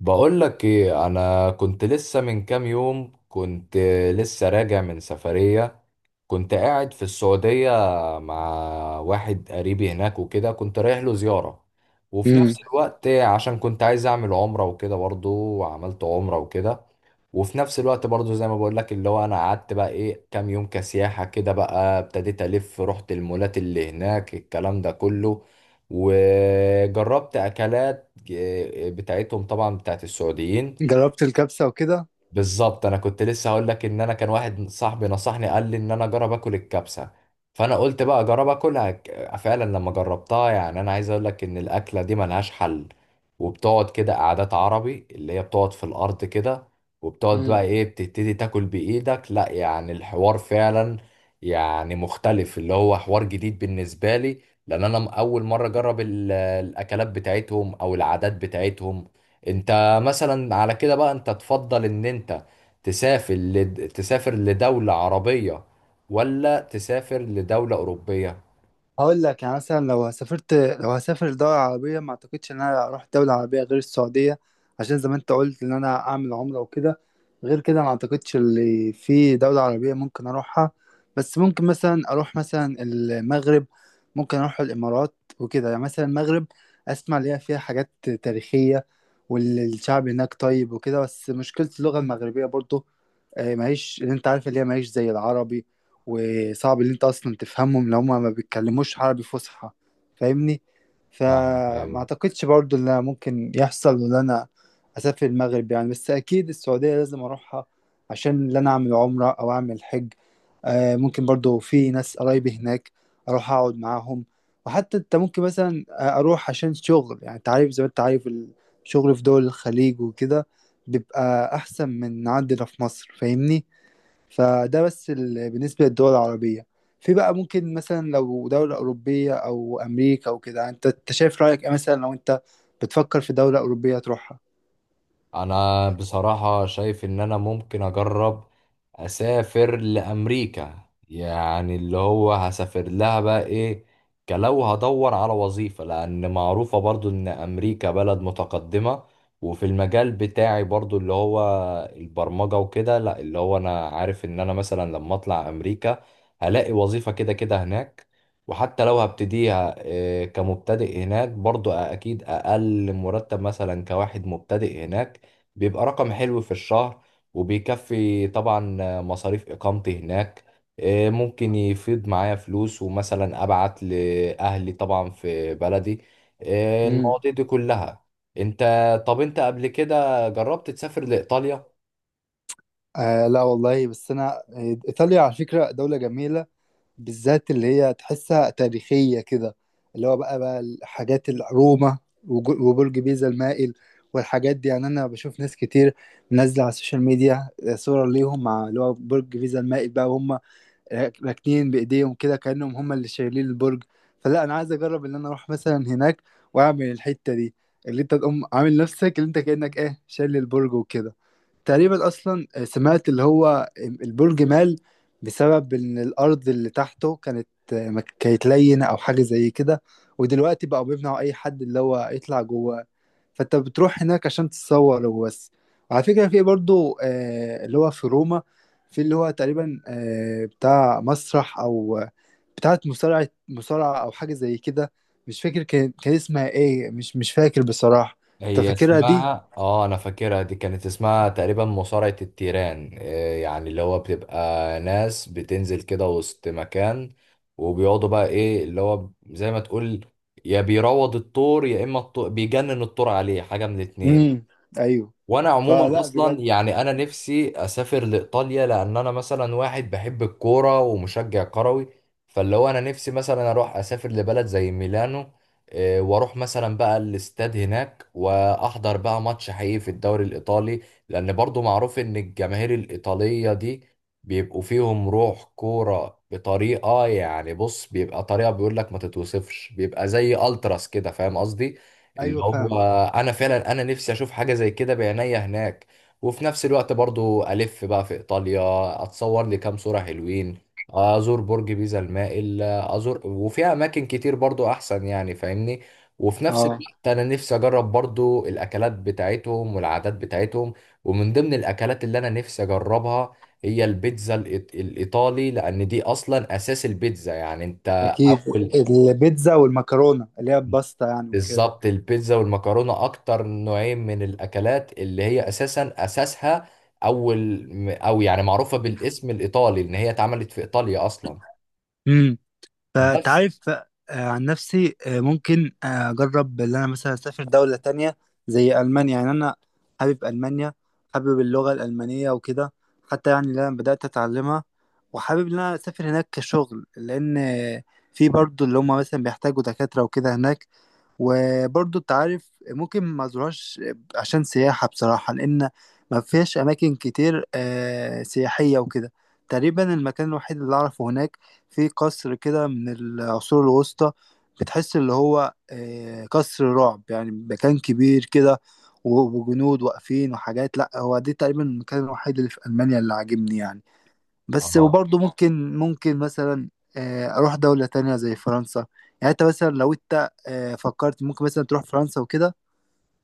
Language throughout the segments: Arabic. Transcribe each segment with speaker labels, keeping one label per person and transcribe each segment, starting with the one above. Speaker 1: بقول لك ايه، انا كنت لسه من كام يوم كنت لسه راجع من سفرية. كنت قاعد في السعودية مع واحد قريبي هناك وكده، كنت رايح له زيارة. وفي
Speaker 2: امم
Speaker 1: نفس الوقت عشان كنت عايز اعمل عمرة وكده برضه، وعملت عمرة وكده. وفي نفس الوقت برضو زي ما بقول لك، اللي هو انا قعدت بقى ايه كام يوم كسياحة كده، بقى ابتديت الف، رحت المولات اللي هناك الكلام ده كله. وجربت اكلات بتاعتهم طبعا، بتاعت السعوديين.
Speaker 2: جربت الكبسة وكده.
Speaker 1: بالظبط، انا كنت لسه هقول لك ان انا كان واحد صاحبي نصحني، قال لي ان انا اجرب اكل الكبسه. فانا قلت بقى اجرب اكلها، فعلا لما جربتها، يعني انا عايز اقول لك ان الاكله دي ملهاش حل. وبتقعد كده قعدات عربي، اللي هي بتقعد في الارض كده. وبتقعد
Speaker 2: مم.
Speaker 1: بقى ايه، بتبتدي تاكل بايدك، لا يعني الحوار فعلا يعني مختلف، اللي هو حوار جديد بالنسبه لي. لان انا اول مره اجرب الاكلات بتاعتهم او العادات بتاعتهم. انت مثلا على كده بقى، انت تفضل ان انت تسافر تسافر لدولة عربية، ولا تسافر لدولة أوروبية؟
Speaker 2: هقول لك يعني مثلا لو هسافر دولة عربية، ما اعتقدش ان انا اروح دولة عربية غير السعودية، عشان زي ما انت قلت ان انا اعمل عمرة وكده. غير كده ما اعتقدش اللي في دولة عربية ممكن اروحها، بس ممكن مثلا اروح مثلا المغرب، ممكن اروح الامارات وكده. يعني مثلا المغرب اسمع ليها فيها حاجات تاريخية، والشعب هناك طيب وكده، بس مشكلة اللغة المغربية برضو. آه، معيش اللي انت عارف اللي هي معيش زي العربي، وصعب اللي انت اصلا تفهمهم لو هما ما بيتكلموش عربي فصحى. فاهمني؟
Speaker 1: فاهمك،
Speaker 2: فما
Speaker 1: أيوه.
Speaker 2: اعتقدش برضو اللي ممكن يحصل ان انا اسافر المغرب يعني. بس اكيد السعودية لازم اروحها عشان اللي انا اعمل عمرة او اعمل حج. آه، ممكن برضو في ناس قرايبي هناك اروح اقعد معاهم. وحتى انت ممكن مثلا اروح عشان شغل، يعني انت عارف زي ما انت عارف الشغل في دول الخليج وكده بيبقى أحسن من عندنا في مصر. فاهمني؟ فده بس بالنسبة للدول العربية. في بقى ممكن مثلا لو دولة أوروبية أو أمريكا وكده، أنت شايف رأيك إيه؟ مثلا لو أنت بتفكر في دولة أوروبية تروحها؟
Speaker 1: انا بصراحة شايف ان انا ممكن اجرب اسافر لامريكا، يعني اللي هو هسافر لها بقى ايه، كلو هدور على وظيفة، لان معروفة برضو ان امريكا بلد متقدمة. وفي المجال بتاعي برضو اللي هو البرمجة وكده، لا اللي هو انا عارف ان انا مثلا لما اطلع امريكا هلاقي وظيفة كده كده هناك. وحتى لو هبتديها إيه، كمبتدئ هناك، برضو اكيد اقل مرتب مثلا كواحد مبتدئ هناك بيبقى رقم حلو في الشهر، وبيكفي طبعا مصاريف إقامتي هناك. ممكن يفيض معايا فلوس ومثلا أبعت لأهلي طبعا في بلدي،
Speaker 2: امم
Speaker 1: المواضيع دي كلها. انت، طب انت قبل كده جربت تسافر لإيطاليا؟
Speaker 2: آه لا والله. بس أنا إيطاليا على فكرة دولة جميلة، بالذات اللي هي تحسها تاريخية كده، اللي هو بقى الحاجات. روما، وبرج بيزا المائل والحاجات دي. يعني أنا بشوف ناس كتير منزلة على السوشيال ميديا صورة ليهم مع اللي هو برج بيزا المائل بقى، وهم راكنين بإيديهم كده كأنهم هم اللي شايلين البرج. فلا أنا عايز أجرب إن أنا أروح مثلا هناك وأعمل الحتة دي، اللي أنت تقوم عامل نفسك اللي أنت كأنك إيه شايل البرج وكده. تقريبا اصلا سمعت اللي هو البرج مال بسبب ان الارض اللي تحته ما كانت لينه او حاجه زي كده. ودلوقتي بقوا بيمنعوا اي حد اللي هو يطلع جوه، فانت بتروح هناك عشان تتصور وبس. وعلى فكره في برضو اللي هو في روما، في اللي هو تقريبا بتاع مسرح او بتاعه مصارعه او حاجه زي كده. مش فاكر كان اسمها ايه، مش فاكر بصراحه. انت
Speaker 1: هي
Speaker 2: فاكرها دي؟
Speaker 1: اسمها، انا فاكرها دي، كانت اسمها تقريبا مصارعة التيران، إيه يعني اللي هو بتبقى ناس بتنزل كده وسط مكان، وبيقعدوا بقى ايه اللي هو زي ما تقول، يا بيروض الطور يا اما الطور بيجنن الطور، عليه حاجة من الاتنين.
Speaker 2: امم ايوه.
Speaker 1: وانا عموما
Speaker 2: فلا
Speaker 1: اصلا،
Speaker 2: بجد.
Speaker 1: يعني انا نفسي اسافر لايطاليا، لان انا مثلا واحد بحب الكوره ومشجع كروي. فاللي هو انا نفسي مثلا اروح اسافر لبلد زي ميلانو، واروح مثلا بقى الاستاد هناك واحضر بقى ماتش حقيقي في الدوري الايطالي. لان برضو معروف ان الجماهير الايطاليه دي بيبقوا فيهم روح كوره بطريقه، يعني بص بيبقى طريقه بيقول لك ما تتوصفش، بيبقى زي التراس كده، فاهم قصدي. اللي
Speaker 2: ايوه
Speaker 1: هو
Speaker 2: فاهم.
Speaker 1: انا فعلا انا نفسي اشوف حاجه زي كده بعينيا هناك. وفي نفس الوقت برضو الف بقى في ايطاليا، اتصور لي كام صوره حلوين، ازور برج بيزا المائل، ازور، وفيها اماكن كتير برضو احسن يعني، فاهمني. وفي نفس
Speaker 2: اه،
Speaker 1: الوقت انا نفسي اجرب برضو الاكلات بتاعتهم والعادات بتاعتهم. ومن ضمن الاكلات اللي انا نفسي اجربها هي البيتزا الايطالي، لان دي اصلا اساس البيتزا، يعني انت
Speaker 2: اكيد.
Speaker 1: اول.
Speaker 2: البيتزا والمكرونه اللي هي الباستا، يعني وكده.
Speaker 1: بالظبط، البيتزا والمكرونة أكتر نوعين من الأكلات اللي هي أساسا أساسها أول، أو يعني معروفة بالاسم الإيطالي إن هي اتعملت في إيطاليا أصلا.
Speaker 2: امم فانت
Speaker 1: بس
Speaker 2: عارف. عن نفسي ممكن اجرب اللي انا مثلا اسافر دوله تانية زي المانيا. يعني انا حابب المانيا، حابب اللغه الالمانيه وكده. حتى يعني اللي انا بدات اتعلمها، وحابب ان انا اسافر هناك كشغل، لان في برضو اللي هم مثلا بيحتاجوا دكاتره وكده هناك. وبرضو انت عارف ممكن ما زورهاش عشان سياحة بصراحة، لأن ما فيهاش أماكن كتير سياحية وكده. تقريبا المكان الوحيد اللي أعرفه هناك في قصر كده من العصور الوسطى. بتحس اللي هو قصر رعب، يعني مكان كبير كده، وجنود واقفين وحاجات. لأ، هو دي تقريبا المكان الوحيد اللي في ألمانيا اللي عاجبني يعني. بس
Speaker 1: آه.
Speaker 2: وبرضه ممكن مثلا اروح دولة تانية زي فرنسا. يعني انت مثلا لو انت فكرت ممكن مثلا تروح فرنسا وكده؟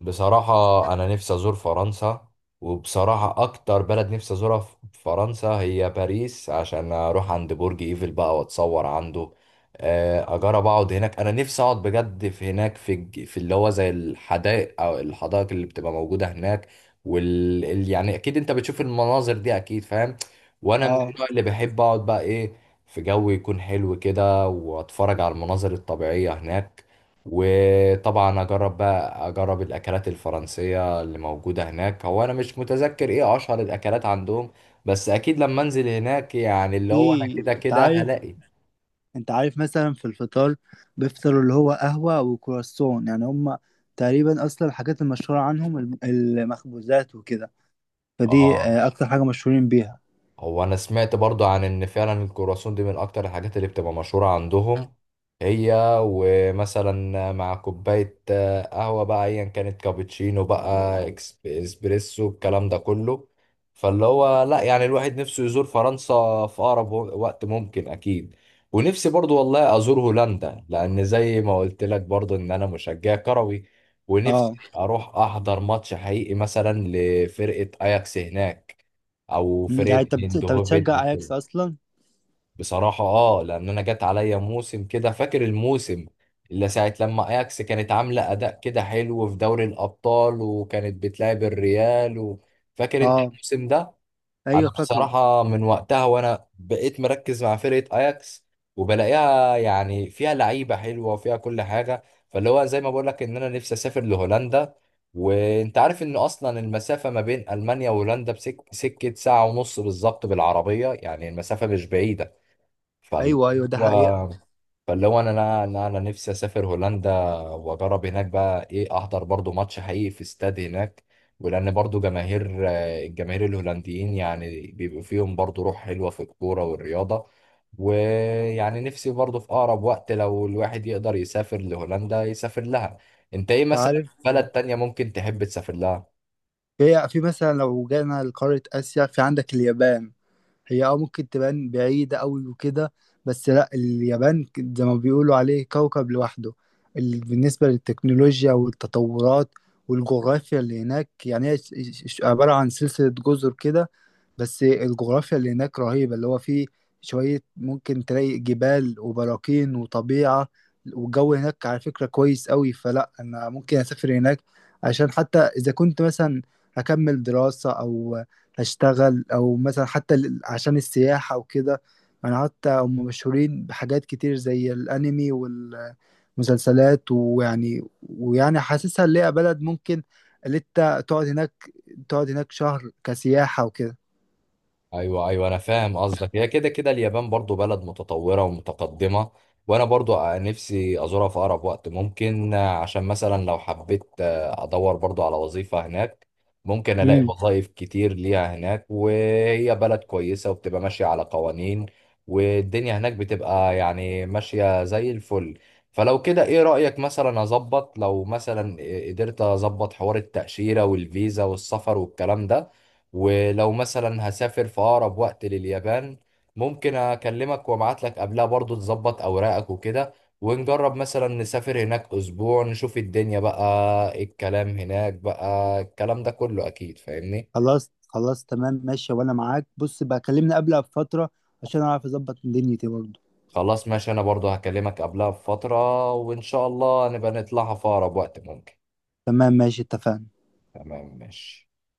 Speaker 1: بصراحة أنا نفسي أزور فرنسا، وبصراحة أكتر بلد نفسي أزورها في فرنسا هي باريس، عشان أروح عند برج إيفل بقى وأتصور عنده. أجرب أقعد هناك، أنا نفسي أقعد بجد في هناك في في اللي هو زي الحدائق أو الحدائق اللي بتبقى موجودة هناك. يعني أكيد أنت بتشوف المناظر دي، أكيد فاهم. وأنا من
Speaker 2: اه.
Speaker 1: النوع اللي بحب أقعد بقى إيه في جو يكون حلو كده وأتفرج على المناظر الطبيعية هناك. وطبعا اجرب بقى اجرب الاكلات الفرنسيه اللي موجوده هناك. هو انا مش متذكر ايه اشهر الاكلات عندهم، بس اكيد لما انزل هناك يعني اللي هو انا
Speaker 2: في
Speaker 1: كده
Speaker 2: انت
Speaker 1: كده
Speaker 2: عارف،
Speaker 1: هلاقي.
Speaker 2: مثلا في الفطار بيفطروا اللي هو قهوة وكرواسون، يعني هم تقريبا اصلا الحاجات المشهورة عنهم المخبوزات وكده. فدي
Speaker 1: اه
Speaker 2: اكتر حاجة مشهورين بيها.
Speaker 1: هو انا سمعت برضو عن ان فعلا الكرواسون دي من اكتر الحاجات اللي بتبقى مشهورة عندهم هي، ومثلا مع كوباية قهوة بقى ايا كانت، كابتشينو بقى، اسبريسو الكلام ده كله. فاللي هو لا، يعني الواحد نفسه يزور فرنسا في اقرب وقت ممكن، اكيد. ونفسي برضو والله ازور هولندا، لان زي ما قلت لك برضو ان انا مشجع كروي، ونفسي
Speaker 2: اه.
Speaker 1: اروح احضر ماتش حقيقي مثلا لفرقة اياكس هناك، او
Speaker 2: يعني
Speaker 1: فرقه
Speaker 2: انت انت
Speaker 1: ايندهوفن
Speaker 2: بتشجع
Speaker 1: او
Speaker 2: اياكس
Speaker 1: كده.
Speaker 2: اصلا؟
Speaker 1: بصراحه لان انا جت عليا موسم كده، فاكر الموسم اللي ساعه لما اياكس كانت عامله اداء كده حلو في دوري الابطال، وكانت بتلعب الريال فاكر انت
Speaker 2: اه.
Speaker 1: الموسم ده؟ انا
Speaker 2: ايوه فاكره.
Speaker 1: بصراحه من وقتها وانا بقيت مركز مع فرقه اياكس، وبلاقيها يعني فيها لعيبه حلوه وفيها كل حاجه. فاللي هو زي ما بقول لك ان انا نفسي اسافر لهولندا. وانت عارف ان اصلا المسافه ما بين المانيا وهولندا سكه ساعه ونص بالظبط بالعربيه، يعني المسافه مش بعيده. فاللي
Speaker 2: ايوه، ايوه، ده حقيقة.
Speaker 1: هو فاللي هو انا انا انا أنا نفسي اسافر هولندا، واجرب هناك بقى ايه احضر برضو ماتش حقيقي في استاد هناك. ولان برضو جماهير آه، الجماهير الهولنديين يعني بيبقوا فيهم برضو روح حلوة في الكورة والرياضة. ويعني نفسي برضو في اقرب وقت لو الواحد يقدر يسافر لهولندا يسافر لها. انت ايه
Speaker 2: انت
Speaker 1: مثلا
Speaker 2: عارف،
Speaker 1: بلد تانية ممكن تحب تسافر لها؟
Speaker 2: هي في مثلا لو جينا لقارة آسيا في عندك اليابان. هي ممكن تبان بعيدة أوي وكده، بس لا اليابان زي ما بيقولوا عليه كوكب لوحده. بالنسبة للتكنولوجيا والتطورات والجغرافيا اللي هناك، يعني هي عبارة عن سلسلة جزر كده. بس الجغرافيا اللي هناك رهيبة، اللي هو فيه شوية ممكن تلاقي جبال وبراكين وطبيعة. والجو هناك على فكرة كويس قوي، فلا أنا ممكن أسافر هناك، عشان حتى إذا كنت مثلا هكمل دراسة أو هشتغل أو مثلا حتى عشان السياحة وكده. أنا حتى هم مشهورين بحاجات كتير زي الأنمي والمسلسلات، ويعني حاسسها اللي هي بلد ممكن اللي أنت تقعد هناك شهر كسياحة وكده.
Speaker 1: ايوه ايوه، انا فاهم قصدك. هي كده كده اليابان برضو بلد متطوره ومتقدمه، وانا برضو نفسي ازورها في اقرب وقت ممكن. عشان مثلا لو حبيت ادور برضو على وظيفه هناك، ممكن الاقي وظائف كتير ليها هناك، وهي بلد كويسه وبتبقى ماشيه على قوانين، والدنيا هناك بتبقى يعني ماشيه زي الفل. فلو كده ايه رايك مثلا اظبط، لو مثلا قدرت اظبط حوار التاشيره والفيزا والسفر والكلام ده، ولو مثلا هسافر في أقرب وقت لليابان، ممكن أكلمك وأبعت لك قبلها، برضو تظبط أوراقك وكده، ونجرب مثلا نسافر هناك أسبوع نشوف الدنيا بقى إيه الكلام هناك، بقى الكلام ده كله، أكيد فاهمني.
Speaker 2: خلاص خلاص تمام ماشي، وانا معاك. بص بقى، كلمني قبلها بفترة عشان اعرف اظبط دنيتي برضه.
Speaker 1: خلاص ماشي، أنا برضو هكلمك قبلها بفترة، وإن شاء الله نبقى نطلعها في أقرب وقت ممكن.
Speaker 2: تمام ماشي، اتفقنا.
Speaker 1: تمام ماشي.